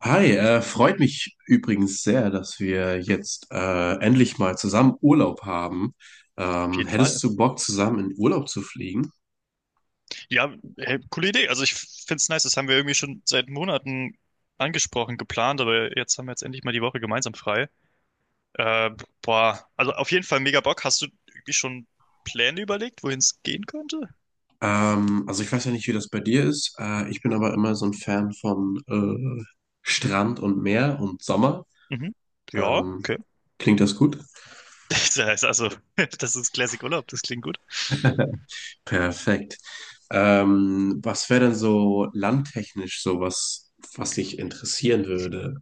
Hi, freut mich übrigens sehr, dass wir jetzt endlich mal zusammen Urlaub haben. Auf jeden Hättest Fall. du Bock, zusammen in Urlaub zu fliegen? Ja, hey, coole Idee. Also ich finde es nice, das haben wir irgendwie schon seit Monaten angesprochen, geplant, aber jetzt haben wir jetzt endlich mal die Woche gemeinsam frei. Äh, Boah, also auf jeden Fall mega Bock. Hast du irgendwie schon Pläne überlegt, wohin es gehen könnte? Also ich weiß ja nicht, wie das bei dir ist. Ich bin aber immer so ein Fan von Strand und Meer und Sommer. Mhm. Ja, Ähm, okay. Klingt das gut? Das heißt also, das ist Classic Urlaub, das klingt gut. Perfekt. Was wäre denn so landtechnisch so was, was dich interessieren würde?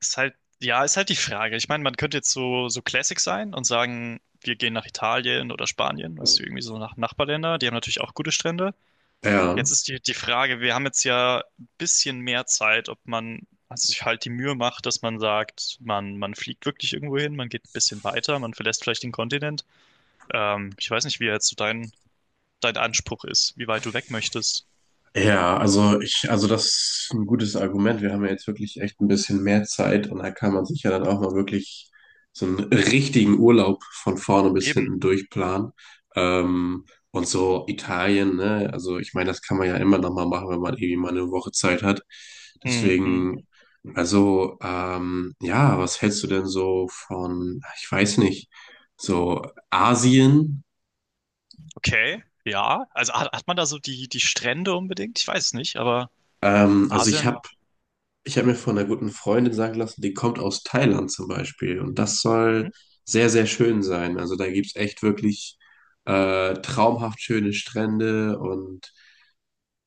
Ist halt, ja, ist halt die Frage. Ich meine, man könnte jetzt so, so Classic sein und sagen, wir gehen nach Italien oder Spanien, weißt du, irgendwie so nach Nachbarländer, die haben natürlich auch gute Strände. Ja. Jetzt ist die Frage, wir haben jetzt ja ein bisschen mehr Zeit, ob man also sich halt die Mühe macht, dass man sagt, man fliegt wirklich irgendwo hin, man geht ein bisschen weiter, man verlässt vielleicht den Kontinent. Ich weiß nicht, wie jetzt so dein, dein Anspruch ist, wie weit du weg möchtest. Ja, also das ist ein gutes Argument. Wir haben ja jetzt wirklich echt ein bisschen mehr Zeit und da kann man sich ja dann auch mal wirklich so einen richtigen Urlaub von vorne bis Eben. hinten durchplanen. Ähm, und so Italien, ne? Also ich meine, das kann man ja immer noch mal machen, wenn man irgendwie mal eine Woche Zeit hat. Mhm. Deswegen, also ja, was hältst du denn so von, ich weiß nicht, so Asien? Okay, ja. Also hat, hat man da so die Strände unbedingt? Ich weiß es nicht, aber Ähm, also ich habe Asien, Ich habe mir von einer guten Freundin sagen lassen, die kommt aus Thailand zum Beispiel. Und das mhm. soll sehr, sehr schön sein. Also da gibt es echt wirklich traumhaft schöne Strände und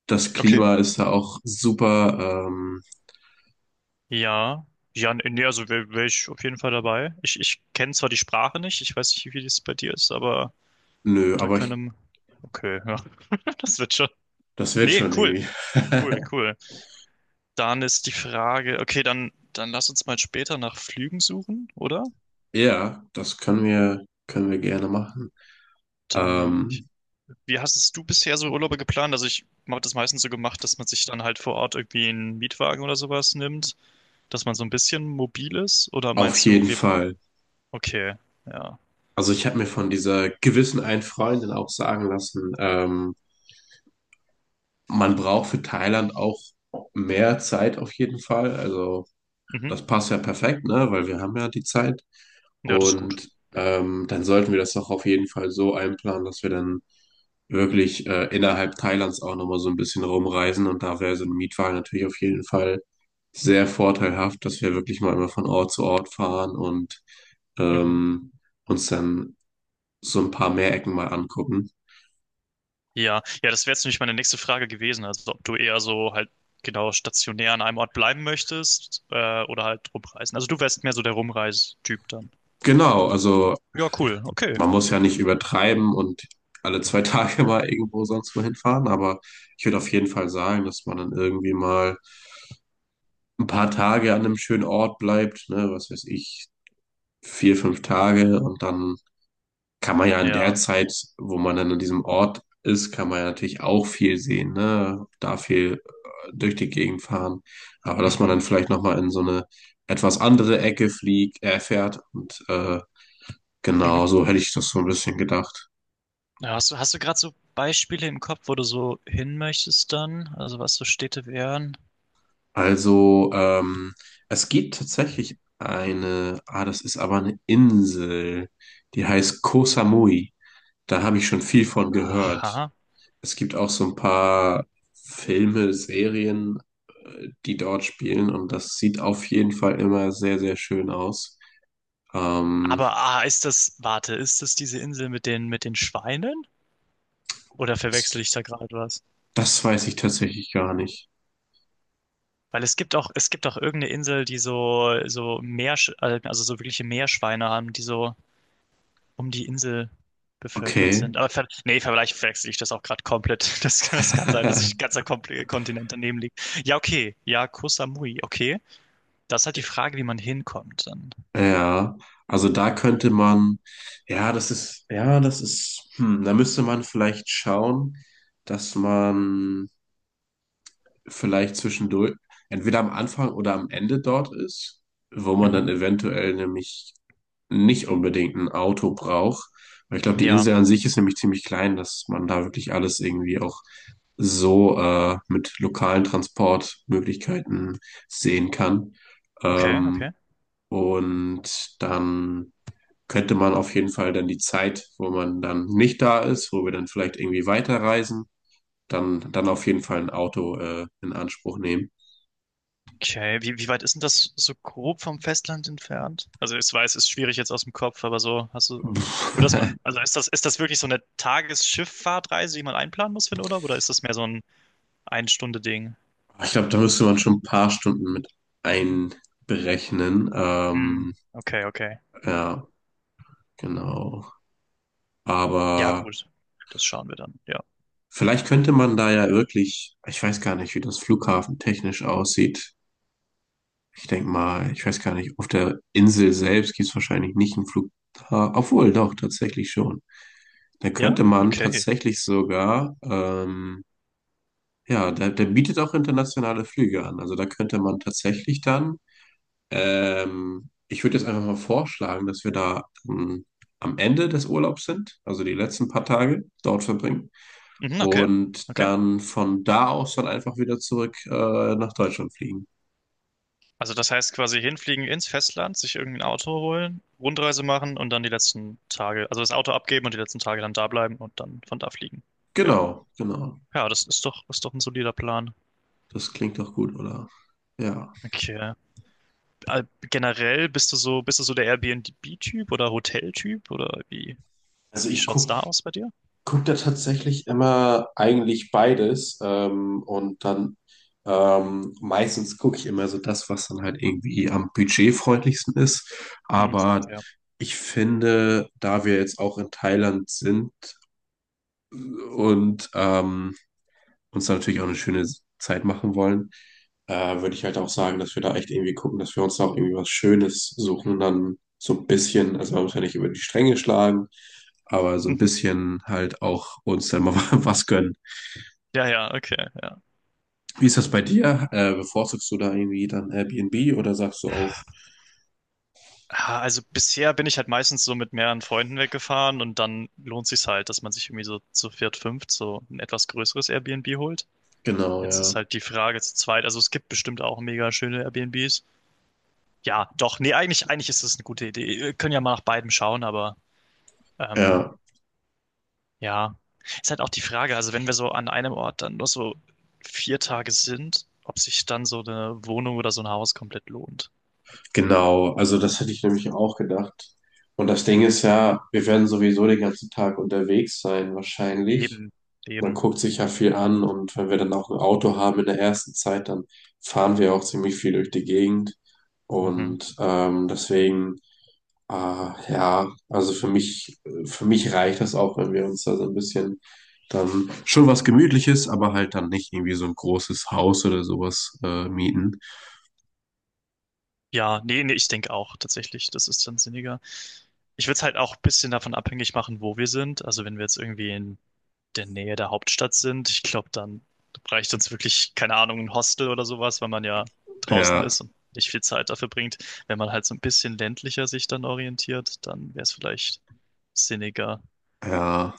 das Okay. Klima ist da auch super. Ja. Ja, nee, also wäre wär ich auf jeden Fall dabei. Ich kenne zwar die Sprache nicht, ich weiß nicht, wie das bei dir ist, aber. Nö, Da können. Okay, ja, das wird schon. das wird Nee, schon cool, irgendwie. cool, cool. Dann ist die Frage, okay, dann, dann lass uns mal später nach Flügen suchen, oder? Ja, das können wir gerne machen. Dann, ich, Ähm, wie hast es du bisher so Urlaube geplant? Also ich habe das meistens so gemacht, dass man sich dann halt vor Ort irgendwie einen Mietwagen oder sowas nimmt, dass man so ein bisschen mobil ist. Oder auf meinst du, jeden wir, Fall. okay, ja, Also ich habe mir von dieser gewissen einen Freundin auch sagen lassen, man braucht für Thailand auch mehr Zeit auf jeden Fall. Also mhm, das passt ja perfekt, ne? Weil wir haben ja die Zeit. ja, das ist gut. Und dann sollten wir das doch auf jeden Fall so einplanen, dass wir dann wirklich innerhalb Thailands auch nochmal so ein bisschen rumreisen. Und da wäre so ein Mietwagen natürlich auf jeden Fall sehr vorteilhaft, dass wir wirklich mal immer von Ort zu Ort fahren und Mhm. ähm, uns dann so ein paar mehr Ecken mal angucken. Ja, ja, das wäre jetzt nämlich meine nächste Frage gewesen. Also, ob du eher so halt genau stationär an einem Ort bleiben möchtest, oder halt rumreisen. Also, du wärst mehr so der Rumreistyp dann. Genau, also Ja, cool. Okay. man muss ja nicht übertreiben und alle zwei Tage mal irgendwo sonst wohin fahren, aber ich würde auf jeden Fall sagen, dass man dann irgendwie mal ein paar Tage an einem schönen Ort bleibt, ne, was weiß ich, vier, fünf Tage und dann kann man ja in der Ja. Zeit, wo man dann an diesem Ort ist, kann man ja natürlich auch viel sehen, ne, da viel durch die Gegend fahren, aber dass man Mhm. dann vielleicht nochmal in so eine etwas andere Ecke fliegt, fährt und Mhm. genau, so hätte ich das so ein bisschen gedacht. Ja, hast du gerade so Beispiele im Kopf, wo du so hin möchtest dann? Also, was so Städte wären? Also, es gibt tatsächlich das ist aber eine Insel, die heißt Koh Samui. Da habe ich schon viel von gehört. Aha. Es gibt auch so ein paar Filme, Serien, die dort spielen und das sieht auf jeden Fall immer sehr, sehr schön aus. Ähm, Aber, ah, ist das, warte, ist das diese Insel mit den Schweinen? Oder verwechsel das, ich da gerade was? das weiß ich tatsächlich gar nicht. Weil es gibt auch irgendeine Insel, die so, so Meer, also so wirkliche Meerschweine haben, die so um die Insel bevölkert Okay. sind. Aber ver nee, vielleicht verwechsel ich das auch gerade komplett. Das, das kann sein, dass ich ein ganzer Kontinent daneben liegt. Ja, okay. Ja, Koh Samui, okay. Das ist halt die Frage, wie man hinkommt dann. Ja, also ja, ja, da müsste man vielleicht schauen, dass man vielleicht zwischendurch, entweder am Anfang oder am Ende dort ist, wo man dann Mhm. eventuell nämlich nicht unbedingt ein Auto braucht. Weil ich glaube, die Ja, Insel an sich ist nämlich ziemlich klein, dass man da wirklich alles irgendwie auch so mit lokalen Transportmöglichkeiten sehen kann. okay, okay. Ähm, und dann könnte man auf jeden Fall dann die Zeit, wo man dann nicht da ist, wo wir dann vielleicht irgendwie weiterreisen, dann auf jeden Fall ein Auto in Anspruch nehmen. Okay, wie, wie weit ist denn das so grob vom Festland entfernt? Also ich weiß, ist schwierig jetzt aus dem Kopf, aber so hast du Pff, nur, dass man, also ist das wirklich so eine Tagesschifffahrtreise, die man einplanen muss für den Urlaub, oder ist das mehr so ein Ein-Stunde-Ding? ich glaube, da müsste man schon ein paar Stunden mit einberechnen. Hm, okay, okay. Ja, genau. Ja, Aber gut. Das schauen wir dann. Ja. vielleicht könnte man da ja wirklich, ich weiß gar nicht, wie das Flughafen technisch aussieht. Ich denke mal, ich weiß gar nicht, auf der Insel selbst gibt es wahrscheinlich nicht einen Flughafen. Obwohl, doch, tatsächlich schon. Da Ja? könnte man Okay. tatsächlich sogar, ja, der bietet auch internationale Flüge an. Also da könnte man tatsächlich dann, ich würde jetzt einfach mal vorschlagen, dass wir da am Ende des Urlaubs sind, also die letzten paar Tage dort verbringen Mhm, okay. und Okay. dann von da aus dann einfach wieder zurück nach Deutschland fliegen. Also das heißt quasi hinfliegen ins Festland, sich irgendein Auto holen, Rundreise machen und dann die letzten Tage, also das Auto abgeben und die letzten Tage dann da bleiben und dann von da fliegen. Ja. Genau, genau. Ja, das ist doch ein solider Plan. Das klingt doch gut, oder? Ja. Okay. Äh, Generell bist du so der Airbnb-Typ oder Hotel-Typ oder wie, Also wie ich schaut's gucke da aus bei dir? guckt er tatsächlich immer eigentlich beides und dann meistens gucke ich immer so das, was dann halt irgendwie am budgetfreundlichsten ist. Hm, Aber ja. ich finde, da wir jetzt auch in Thailand sind und uns da natürlich auch eine schöne Zeit machen wollen, würde ich halt auch sagen, dass wir da echt irgendwie gucken, dass wir uns da auch irgendwie was Schönes suchen, dann so ein bisschen, also man muss ja nicht über die Stränge schlagen, aber so ein Mhm. bisschen halt auch uns dann mal was gönnen. Ja, ja, okay, ja. Wie ist das bei dir? Bevorzugst du da irgendwie dann Airbnb oder sagst du auch, Ah, also bisher bin ich halt meistens so mit mehreren Freunden weggefahren und dann lohnt sich's halt, dass man sich irgendwie so zu viert, fünft so ein etwas größeres Airbnb holt. genau, Jetzt ist ja. halt die Frage zu zweit, also es gibt bestimmt auch mega schöne Airbnbs. Ja, doch, nee, eigentlich, eigentlich ist das eine gute Idee. Wir können ja mal nach beidem schauen, aber ähm, Ja, ja, ist halt auch die Frage, also wenn wir so an einem Ort dann nur so vier Tage sind, ob sich dann so eine Wohnung oder so ein Haus komplett lohnt. genau. Also das hätte ich nämlich auch gedacht. Und das Ding ist ja, wir werden sowieso den ganzen Tag unterwegs sein, wahrscheinlich. Eben, Man eben. guckt sich ja viel an und wenn wir dann auch ein Auto haben in der ersten Zeit, dann fahren wir auch ziemlich viel durch die Gegend. Mhm. Und deswegen, äh, ja, also für mich reicht das auch, wenn wir uns da so ein bisschen dann schon was Gemütliches, aber halt dann nicht irgendwie so ein großes Haus oder sowas mieten. Ja, nee, nee, ich denke auch tatsächlich, das ist dann sinniger. Ich würde es halt auch ein bisschen davon abhängig machen, wo wir sind. Also wenn wir jetzt irgendwie in der Nähe der Hauptstadt sind. Ich glaube, dann reicht uns wirklich, keine Ahnung, ein Hostel oder sowas, weil man ja draußen Ja, ist und nicht viel Zeit dafür bringt. Wenn man halt so ein bisschen ländlicher sich dann orientiert, dann wäre es vielleicht sinniger. ja,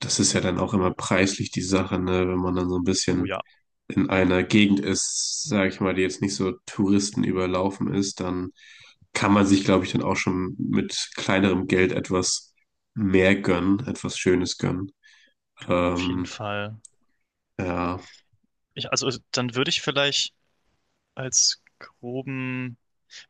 das ist ja dann auch immer preislich die Sache, ne? Wenn man dann so ein Oh bisschen ja, in einer Gegend ist, sage ich mal, die jetzt nicht so Touristen überlaufen ist, dann kann man sich, glaube ich, dann auch schon mit kleinerem Geld etwas mehr gönnen, etwas Schönes gönnen. auf jeden Ähm, Fall. ja, Ich, also dann würde ich vielleicht als groben,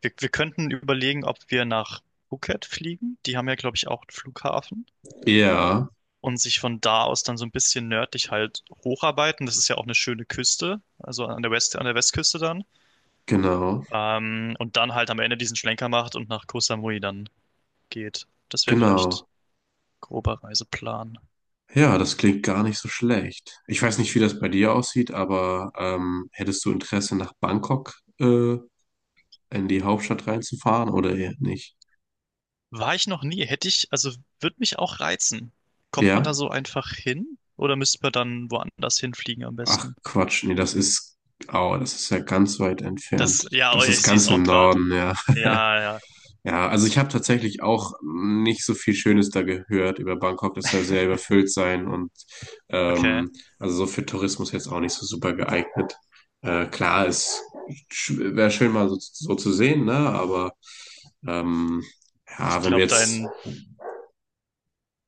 wir könnten überlegen, ob wir nach Phuket fliegen. Die haben ja, glaube ich, auch einen Flughafen. ja, Und sich von da aus dann so ein bisschen nördlich halt hocharbeiten. Das ist ja auch eine schöne Küste, also an der West, an der Westküste dann. genau, Und dann halt am Ende diesen Schlenker macht und nach Koh Samui dann geht. Das wäre vielleicht genau. grober Reiseplan. Ja, das klingt gar nicht so schlecht. Ich weiß nicht, wie das bei dir aussieht, aber hättest du Interesse, nach Bangkok in die Hauptstadt reinzufahren oder eher nicht? War ich noch nie, hätte ich, also würde mich auch reizen. Kommt man da Ja? so einfach hin oder müsste man dann woanders hinfliegen am Ach besten? Quatsch, nee, oh, das ist ja ganz weit entfernt. Das, ja, oh, Das ja, ist ich sehe es ganz auch im gerade. Norden, ja. Ja, ja, Ja, also ich habe tatsächlich auch nicht so viel Schönes da gehört über Bangkok. Das soll sehr überfüllt sein und okay. ähm, also so für Tourismus jetzt auch nicht so super geeignet. Klar, es wäre schön mal so, so zu sehen, ne? Aber ähm, Ich ja, wenn wir glaube, jetzt dein,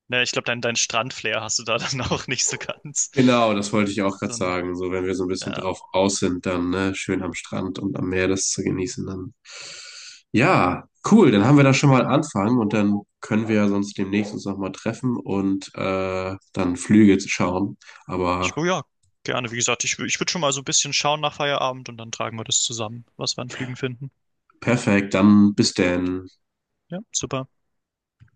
ne, ich glaube, dein, dein Strandflair hast du da dann auch nicht so ganz. genau, das wollte ich auch Ist gerade dann, sagen. So, wenn wir so ein bisschen ja. drauf aus sind, dann ne, schön am Strand und am Meer das zu genießen, dann ja, cool. Dann haben wir da schon mal einen Anfang und dann können wir ja sonst demnächst uns nochmal treffen und dann Flüge zu schauen. Ich, Aber oh ja, gerne. Wie gesagt, ich, ich würde schon mal so ein bisschen schauen nach Feierabend und dann tragen wir das zusammen, was wir an Flügen finden. perfekt, dann bis denn. Ja, super.